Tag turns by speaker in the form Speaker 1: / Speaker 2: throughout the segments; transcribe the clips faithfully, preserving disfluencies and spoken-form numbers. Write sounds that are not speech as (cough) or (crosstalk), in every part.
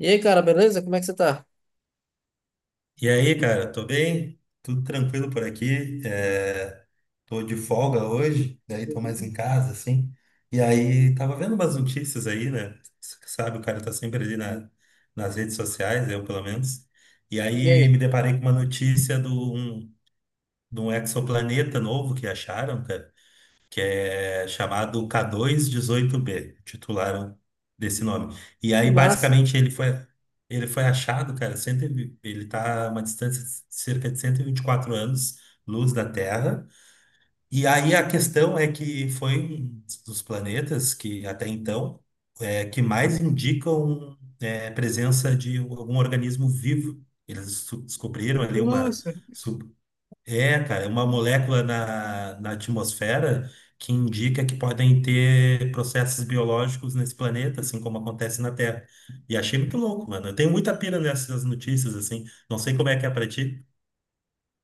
Speaker 1: E aí, cara, beleza? Como é que você tá?
Speaker 2: E aí, cara, tô bem? Tudo tranquilo por aqui. É, tô de folga hoje, daí tô mais em
Speaker 1: Uhum.
Speaker 2: casa, assim. E aí, tava vendo umas notícias aí, né? S- Sabe, o cara tá sempre ali na, nas redes sociais, eu pelo menos. E
Speaker 1: E
Speaker 2: aí,
Speaker 1: aí?
Speaker 2: me deparei com uma notícia de um, de um exoplaneta novo que acharam, cara, que é chamado k dois dezoito b, titularam desse nome. E
Speaker 1: Que
Speaker 2: aí,
Speaker 1: massa.
Speaker 2: basicamente, ele foi, ele foi achado, cara, cento e vi- ele está a uma distância de cerca de cento e vinte e quatro anos, luz da Terra. E aí a questão é que foi um dos planetas que, até então, é, que mais indicam é, presença de algum organismo vivo. Eles su- descobriram ali uma,
Speaker 1: Nossa.
Speaker 2: é, cara, é uma molécula na, na atmosfera que indica que podem ter processos biológicos nesse planeta, assim como acontece na Terra. E achei muito louco, mano. Eu tenho muita pira nessas notícias, assim. Não sei como é que é pra ti.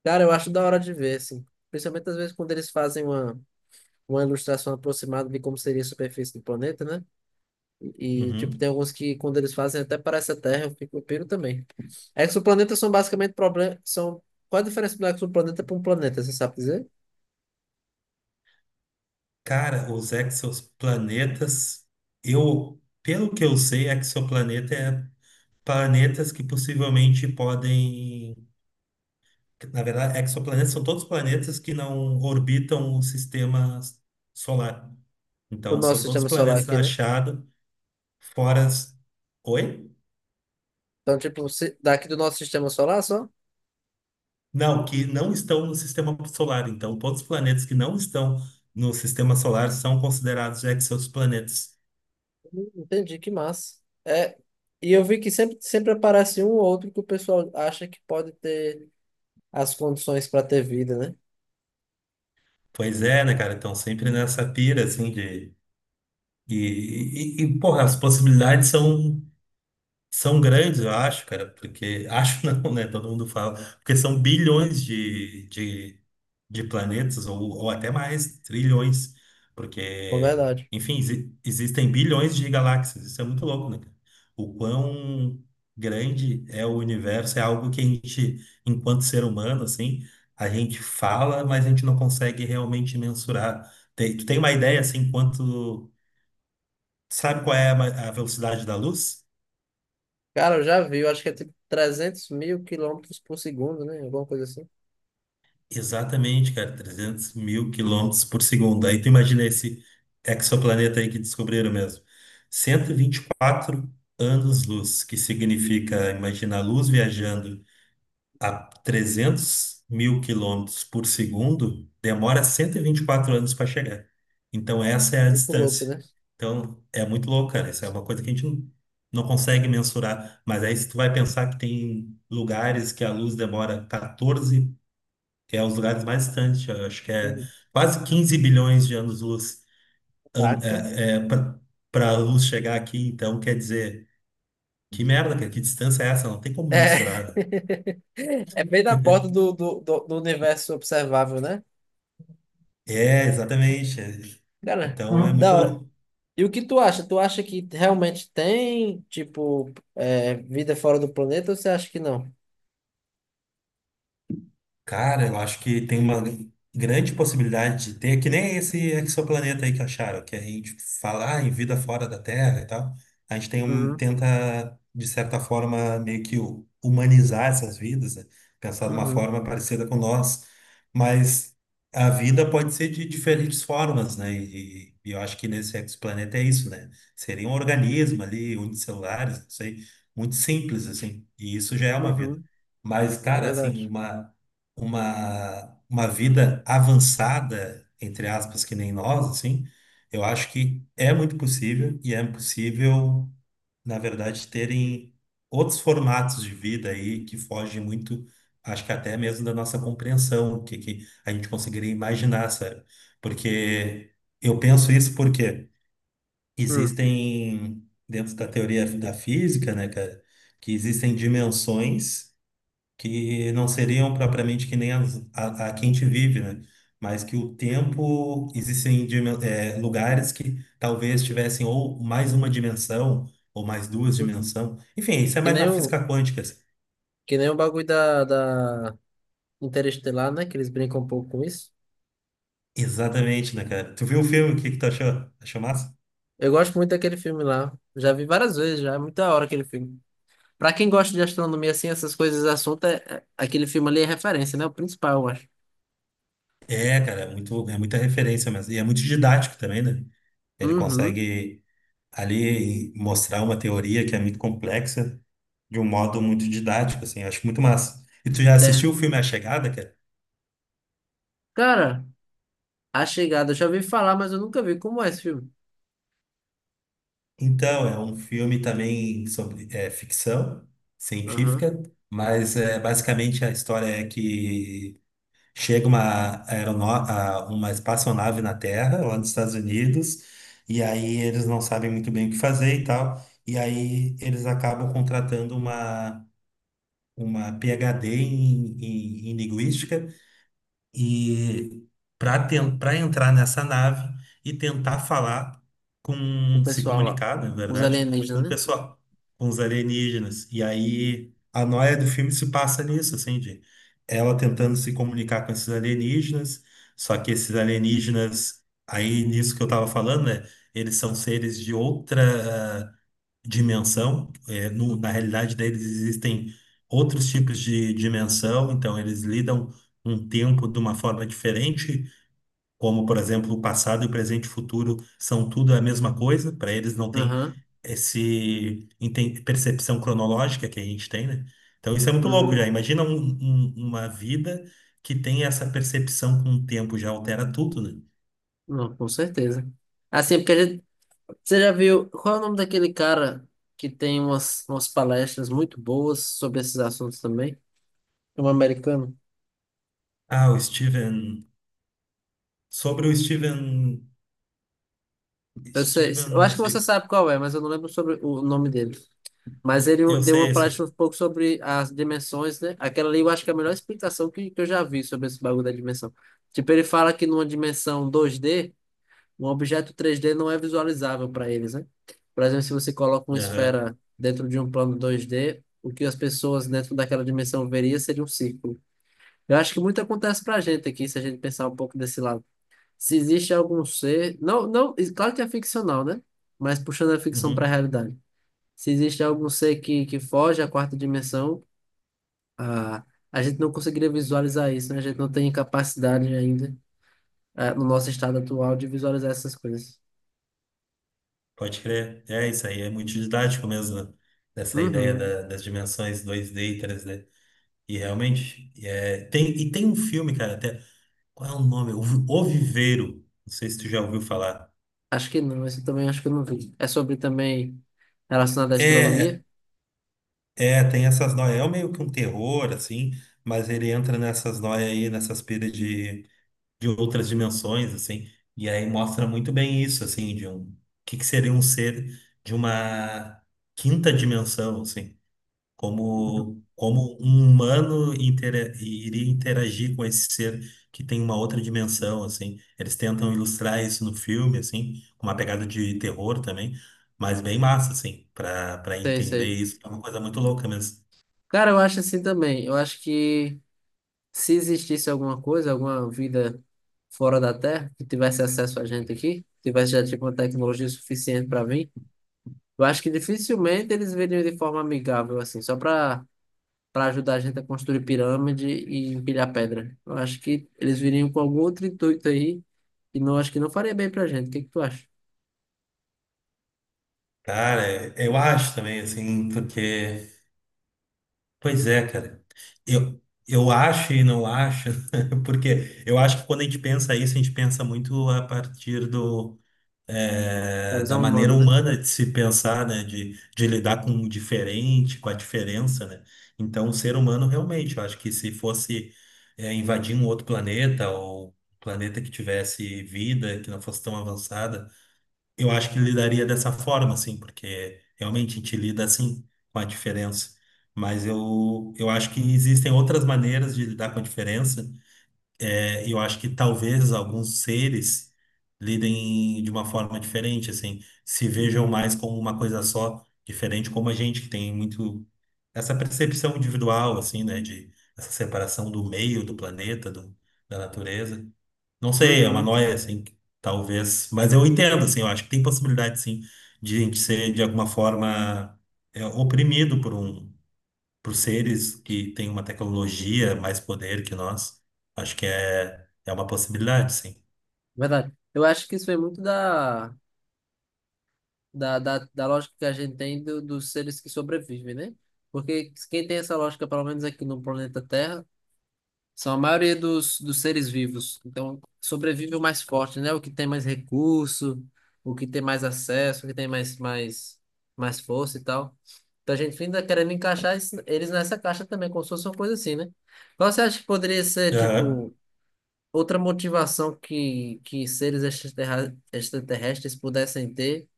Speaker 1: Cara, eu acho da hora de ver, assim. Principalmente às vezes quando eles fazem uma, uma ilustração aproximada de como seria a superfície do planeta, né? E, tipo, tem
Speaker 2: Uhum.
Speaker 1: alguns que, quando eles fazem, até parece a Terra, eu fico, eu piro também. Exoplanetas são basicamente problemas. São... Qual é a diferença do exoplaneta para um planeta? Você sabe dizer?
Speaker 2: Cara, os exoplanetas, eu, pelo que eu sei, exoplaneta é planetas que possivelmente podem. Na verdade, exoplanetas são todos planetas que não orbitam o sistema solar.
Speaker 1: O
Speaker 2: Então,
Speaker 1: nosso
Speaker 2: são todos
Speaker 1: sistema solar
Speaker 2: planetas
Speaker 1: aqui, né?
Speaker 2: achados fora. as- Oi?
Speaker 1: Então, tipo, se- daqui do nosso sistema solar só?
Speaker 2: Não, que não estão no sistema solar. Então, todos os planetas que não estão no sistema solar são considerados exoplanetas.
Speaker 1: Hum, Entendi, que massa. É, e eu vi que sempre, sempre aparece um ou outro que o pessoal acha que pode ter as condições para ter vida, né?
Speaker 2: Pois é, né, cara? Então, sempre nessa pira, assim, de. E, e, e, Porra, as possibilidades são São grandes, eu acho, cara, porque. (laughs) Acho não, né? Todo mundo fala. Porque são bilhões de, de, de planetas, ou, ou até mais, trilhões.
Speaker 1: É
Speaker 2: Porque,
Speaker 1: verdade.
Speaker 2: enfim, exi- existem bilhões de galáxias. Isso é muito louco, né, cara? O quão grande é o universo é algo que a gente, enquanto ser humano, assim, a gente fala, mas a gente não consegue realmente mensurar. Tem, tu tem uma ideia, assim, quanto. Sabe qual é a ma- a velocidade da luz?
Speaker 1: Cara, eu já vi, eu acho que é tipo 300 mil quilômetros por segundo, né? Alguma coisa assim.
Speaker 2: Exatamente, cara, trezentos mil quilômetros por segundo. Aí tu imagina esse exoplaneta aí que descobriram mesmo. Cento e e vinte e quatro anos-luz, que significa, imagina a luz viajando a trezentos mil quilômetros por segundo, demora cento e e vinte e quatro anos para chegar. Então, essa é a
Speaker 1: Muito louco,
Speaker 2: distância.
Speaker 1: né?
Speaker 2: Então, é muito louco, cara. Isso é uma coisa que a gente não, não consegue mensurar. Mas aí, se tu vai pensar que tem lugares que a luz demora quatorze, que é os lugares mais distantes, eu acho que é quase quinze bilhões de anos-luz
Speaker 1: Vaca.
Speaker 2: para a luz chegar aqui, então quer dizer, que merda, cara, que distância é essa? Não tem como mensurar,
Speaker 1: É.
Speaker 2: né?
Speaker 1: (laughs) É bem na porta do, do, do, do universo observável, né?
Speaker 2: É, exatamente. é.
Speaker 1: Cara,
Speaker 2: Então é
Speaker 1: hum, da hora.
Speaker 2: muito.
Speaker 1: E o que tu acha? Tu acha que realmente tem, tipo, é, vida fora do planeta ou você acha que não?
Speaker 2: Cara, eu acho que tem uma grande possibilidade de ter, que nem esse exoplaneta aí que acharam, que a gente fala ah, em vida fora da Terra e tal. A gente tem um,
Speaker 1: Uhum,
Speaker 2: tenta, de certa forma, meio que hu- humanizar essas vidas, né? Pensar de uma
Speaker 1: uhum,
Speaker 2: forma parecida com nós. Mas a vida pode ser de diferentes formas, né? E, e eu acho que nesse exoplaneta é isso, né? Seria um organismo ali, unicelulares, não sei, muito simples, assim. E isso já é uma vida.
Speaker 1: uhum.
Speaker 2: Mas,
Speaker 1: É
Speaker 2: cara, assim,
Speaker 1: verdade.
Speaker 2: uma uma, uma vida avançada, entre aspas, que nem nós, assim, eu acho que é muito possível e é possível, na verdade, terem outros formatos de vida aí que fogem muito, acho que até mesmo da nossa compreensão, o que, que a gente conseguiria imaginar, sabe? Porque eu penso isso porque
Speaker 1: Hum,
Speaker 2: existem, dentro da teoria da física, né, cara, que existem dimensões que não seriam propriamente que nem as, a, a que a gente vive, né? Mas que o tempo existem dimen- eh, lugares que talvez tivessem ou mais uma dimensão ou mais duas
Speaker 1: hum.
Speaker 2: dimensões. Enfim, isso é
Speaker 1: Que
Speaker 2: mais na
Speaker 1: nem o,
Speaker 2: física quântica, assim.
Speaker 1: que nem o bagulho da, da Interestelar, né? Que eles brincam um pouco com isso.
Speaker 2: Exatamente, né, cara? Tu viu o filme? O que que tu achou? Achou massa?
Speaker 1: Eu gosto muito daquele filme lá. Já vi várias vezes já. É muito da hora aquele filme. Pra quem gosta de astronomia, assim, essas coisas, assunto, é, é- aquele filme ali é referência, né? O principal, eu acho.
Speaker 2: É, cara, é muito, é muita referência mesmo. E é muito didático também, né? Ele
Speaker 1: Uhum,
Speaker 2: consegue ali mostrar uma teoria que é muito complexa de um modo muito didático, assim, eu acho muito massa. E tu já
Speaker 1: é.
Speaker 2: assistiu o filme A Chegada, cara?
Speaker 1: Cara, A Chegada, eu já ouvi falar, mas eu nunca vi. Como é esse filme?
Speaker 2: Então, é um filme também sobre é, ficção
Speaker 1: Aham.
Speaker 2: científica, mas é, basicamente a história é que chega uma, aerono- a- uma espaçonave na Terra, lá nos Estados Unidos, e aí eles não sabem muito bem o que fazer e tal, e aí eles acabam contratando uma, uma PhD em, em, em linguística e para para entrar nessa nave e tentar falar
Speaker 1: O
Speaker 2: com se
Speaker 1: pessoal lá.
Speaker 2: comunicar, né, na
Speaker 1: Os
Speaker 2: verdade, com
Speaker 1: alienígenas,
Speaker 2: o
Speaker 1: né?
Speaker 2: pessoal, com os alienígenas. E aí a noia do filme se passa nisso, assim, de ela tentando se comunicar com esses alienígenas, só que esses alienígenas, aí nisso que eu tava falando, né? Eles são seres de outra dimensão. É, no- na realidade deles existem outros tipos de dimensão, então eles lidam um tempo de uma forma diferente, como, por exemplo, o passado, o presente e o futuro são tudo a mesma coisa, para eles não tem
Speaker 1: Aham,
Speaker 2: esse enten- percepção cronológica que a gente tem, né? Então isso é muito louco já.
Speaker 1: uhum.
Speaker 2: Imagina um- um- uma vida que tem essa percepção com o tempo, já altera tudo, né?
Speaker 1: Não, com certeza. Assim, porque a gente. Você já viu, qual é o nome daquele cara que tem umas, umas palestras muito boas sobre esses assuntos também? É um americano.
Speaker 2: Ah, o Steven. Sobre o Steven.
Speaker 1: Eu sei,
Speaker 2: Steven,
Speaker 1: eu
Speaker 2: não
Speaker 1: acho que você
Speaker 2: sei.
Speaker 1: sabe qual é, mas eu não lembro sobre o nome dele. Mas ele
Speaker 2: Eu
Speaker 1: deu
Speaker 2: sei
Speaker 1: uma palestra
Speaker 2: esse.
Speaker 1: um pouco sobre as dimensões, né? Aquela ali eu acho que é a melhor explicação que, que eu já vi sobre esse bagulho da dimensão. Tipo, ele fala que numa dimensão dois D, um objeto três d não é visualizável para eles, né? Por exemplo, se você coloca uma
Speaker 2: Aham,
Speaker 1: esfera dentro de um plano dois d, o que as pessoas dentro daquela dimensão veria seria um círculo. Eu acho que muito acontece para a gente aqui, se a gente pensar um pouco desse lado. Se existe algum ser, não, não, claro que é ficcional, né? Mas puxando a ficção para a
Speaker 2: uhum.
Speaker 1: realidade. Se existe algum ser que, que foge à quarta dimensão, a, a gente não conseguiria visualizar isso, né? A gente não tem capacidade ainda, eh, no nosso estado atual de visualizar essas coisas.
Speaker 2: Pode crer. É, isso aí é muito didático mesmo, né? Dessa ideia
Speaker 1: Uhum.
Speaker 2: da- das dimensões dois d e três d. E realmente, é, tem, e tem um filme, cara, até. Qual é o nome? O, Vi- o Viveiro. Não sei se tu já ouviu falar.
Speaker 1: Acho que não, esse eu também acho que eu não vi. É sobre também relacionado à
Speaker 2: É,
Speaker 1: astronomia?
Speaker 2: é, Tem essas noias. É meio que um terror, assim, mas ele entra nessas noias aí, nessas pilhas de, de outras dimensões, assim. E aí mostra muito bem isso, assim, de um. O que que seria um ser de uma quinta dimensão, assim.
Speaker 1: Uhum.
Speaker 2: Como, como um humano intera- iria interagir com esse ser que tem uma outra dimensão, assim. Eles tentam ilustrar isso no filme, assim, com uma pegada de terror também, mas bem massa, assim, para para
Speaker 1: Sei,
Speaker 2: entender
Speaker 1: sei.
Speaker 2: isso. É uma coisa muito louca mesmo.
Speaker 1: Cara, eu acho assim também. Eu acho que se existisse alguma coisa, alguma vida fora da Terra, que tivesse acesso a gente aqui, tivesse já tipo uma tecnologia suficiente para vir, eu acho que dificilmente eles viriam de forma amigável, assim, só para para ajudar a gente a construir pirâmide e empilhar pedra. Eu acho que eles viriam com algum outro intuito aí, e não acho que não faria bem pra gente. O que que tu acha?
Speaker 2: Cara, eu acho também, assim, porque. Pois é, cara. Eu, eu acho e não acho, (laughs) porque eu acho que quando a gente pensa isso, a gente pensa muito a partir do
Speaker 1: Da
Speaker 2: é, da
Speaker 1: visão
Speaker 2: maneira
Speaker 1: humana, né?
Speaker 2: humana de se pensar, né? De, de lidar com o diferente, com a diferença, né? Então, o ser humano realmente, eu acho que se fosse é, invadir um outro planeta ou um planeta que tivesse vida, que não fosse tão avançada, eu acho que lidaria dessa forma, assim, porque realmente a gente lida assim com a diferença. Mas eu, eu acho que existem outras maneiras de lidar com a diferença. é, Eu acho que talvez alguns seres lidem de uma forma diferente, assim, se vejam
Speaker 1: Uhum.
Speaker 2: mais como uma coisa só, diferente como a gente, que tem muito essa percepção individual, assim, né, de essa separação do meio, do planeta, do, da natureza. Não sei, é uma
Speaker 1: Uhum.
Speaker 2: noia, assim, que talvez, mas eu entendo, assim, eu acho que tem possibilidade, sim, de a gente ser, de alguma forma, é, oprimido por um para os seres que têm uma tecnologia, mais poder que nós, acho que é, é uma possibilidade, sim.
Speaker 1: Verdade. Eu acho que isso vem muito da, da, da, da lógica que a gente tem do- dos seres que sobrevivem, né? Porque quem tem essa lógica, pelo menos aqui no planeta Terra, são a maioria dos, dos seres vivos. Então, sobrevive o mais forte, né? O que tem mais recurso, o que tem mais acesso, o que tem mais, mais, mais força e tal. Então, a gente ainda querendo encaixar es- eles nessa caixa também, como se fosse uma coisa assim, né? Qual você acha que poderia ser,
Speaker 2: Aham.
Speaker 1: tipo. Outra motivação que, que seres extraterra- extraterrestres pudessem ter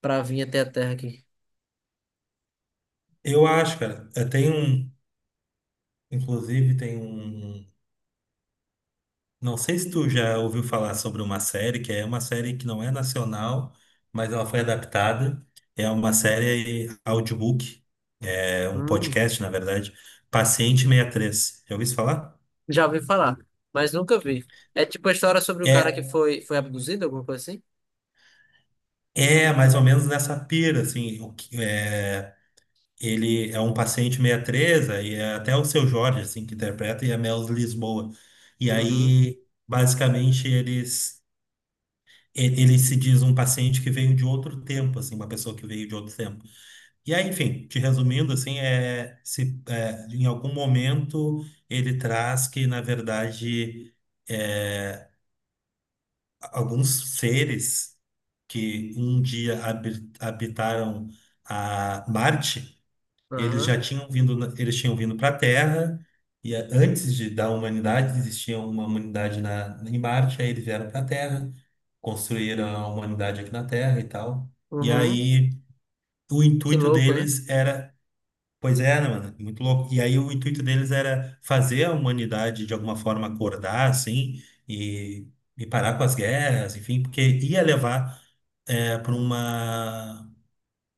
Speaker 1: para vir até a Terra aqui.
Speaker 2: Eu acho, cara. Eh, Tem um, inclusive, tem um. Não sei se tu já ouviu falar sobre uma série, que é uma série que não é nacional, mas ela foi adaptada. É uma série audiobook, é um
Speaker 1: Hum,
Speaker 2: podcast, na verdade. Paciente sessenta e Três. Já ouviu isso falar?
Speaker 1: já ouvi falar, mas nunca vi. É tipo a história sobre o cara que
Speaker 2: É,
Speaker 1: foi, foi abduzido, alguma coisa assim?
Speaker 2: É mais ou menos nessa pira, assim, o que, é, ele é um paciente meia treza, e é até o seu Jorge, assim, que interpreta, e a Mel Lisboa. E
Speaker 1: Uhum.
Speaker 2: aí, basicamente, eles. e- Ele se diz um paciente que veio de outro tempo, assim, uma pessoa que veio de outro tempo. E aí, enfim, te resumindo, assim, é, se, é, em algum momento ele traz que, na verdade, é, alguns seres que um dia habi- habitaram a Marte, eles já
Speaker 1: Aham.
Speaker 2: tinham vindo, na- eles tinham vindo para a Terra e a- antes de, da humanidade existia uma humanidade na em Marte, aí eles vieram para a Terra, construíram a humanidade aqui na Terra e tal. E
Speaker 1: Uhum.
Speaker 2: aí o
Speaker 1: Que
Speaker 2: intuito
Speaker 1: louco, né?
Speaker 2: deles era, pois é, né, mano, muito louco. E aí o intuito deles era fazer a humanidade de alguma forma acordar assim e e parar com as guerras, enfim, porque ia levar para uma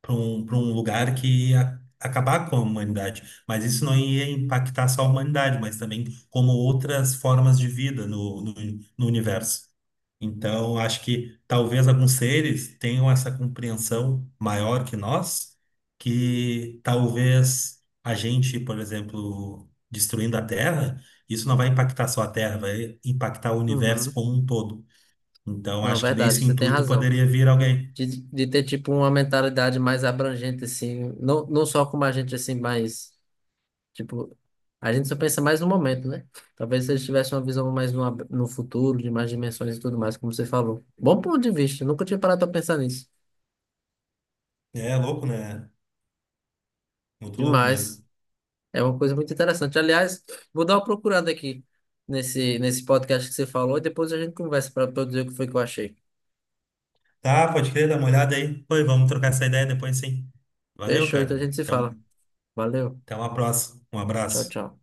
Speaker 2: para um, para um lugar que ia acabar com a humanidade. Mas isso não ia impactar só a humanidade, mas também como outras formas de vida no, no, no universo. Então, acho que talvez alguns seres tenham essa compreensão maior que nós, que talvez a gente, por exemplo, destruindo a Terra, isso não vai impactar só a Terra, vai impactar o universo
Speaker 1: Uhum.
Speaker 2: como um todo. Então,
Speaker 1: Não, é
Speaker 2: acho que
Speaker 1: verdade,
Speaker 2: nesse
Speaker 1: você tem
Speaker 2: intuito
Speaker 1: razão.
Speaker 2: poderia vir alguém.
Speaker 1: De, de ter tipo uma mentalidade mais abrangente, assim, não, não só como a gente, assim, mais. Tipo, a gente só pensa mais no momento, né? Talvez se eles tivessem uma visão mais no, ab- no futuro, de mais dimensões e tudo mais, como você falou. Bom ponto de vista, nunca tinha parado pra pensar nisso.
Speaker 2: É louco, né? Muito louco
Speaker 1: Demais.
Speaker 2: mesmo.
Speaker 1: É uma coisa muito interessante. Aliás, vou dar uma procurada aqui nesse, nesse podcast que você falou e depois a gente conversa para dizer o que foi que eu achei.
Speaker 2: Tá, pode crer, dá uma olhada aí. Pô, e vamos trocar essa ideia depois, sim. Valeu,
Speaker 1: Fechou, então a
Speaker 2: cara.
Speaker 1: gente se fala.
Speaker 2: Então,
Speaker 1: Valeu.
Speaker 2: até uma próxima. Um
Speaker 1: Tchau,
Speaker 2: abraço.
Speaker 1: tchau.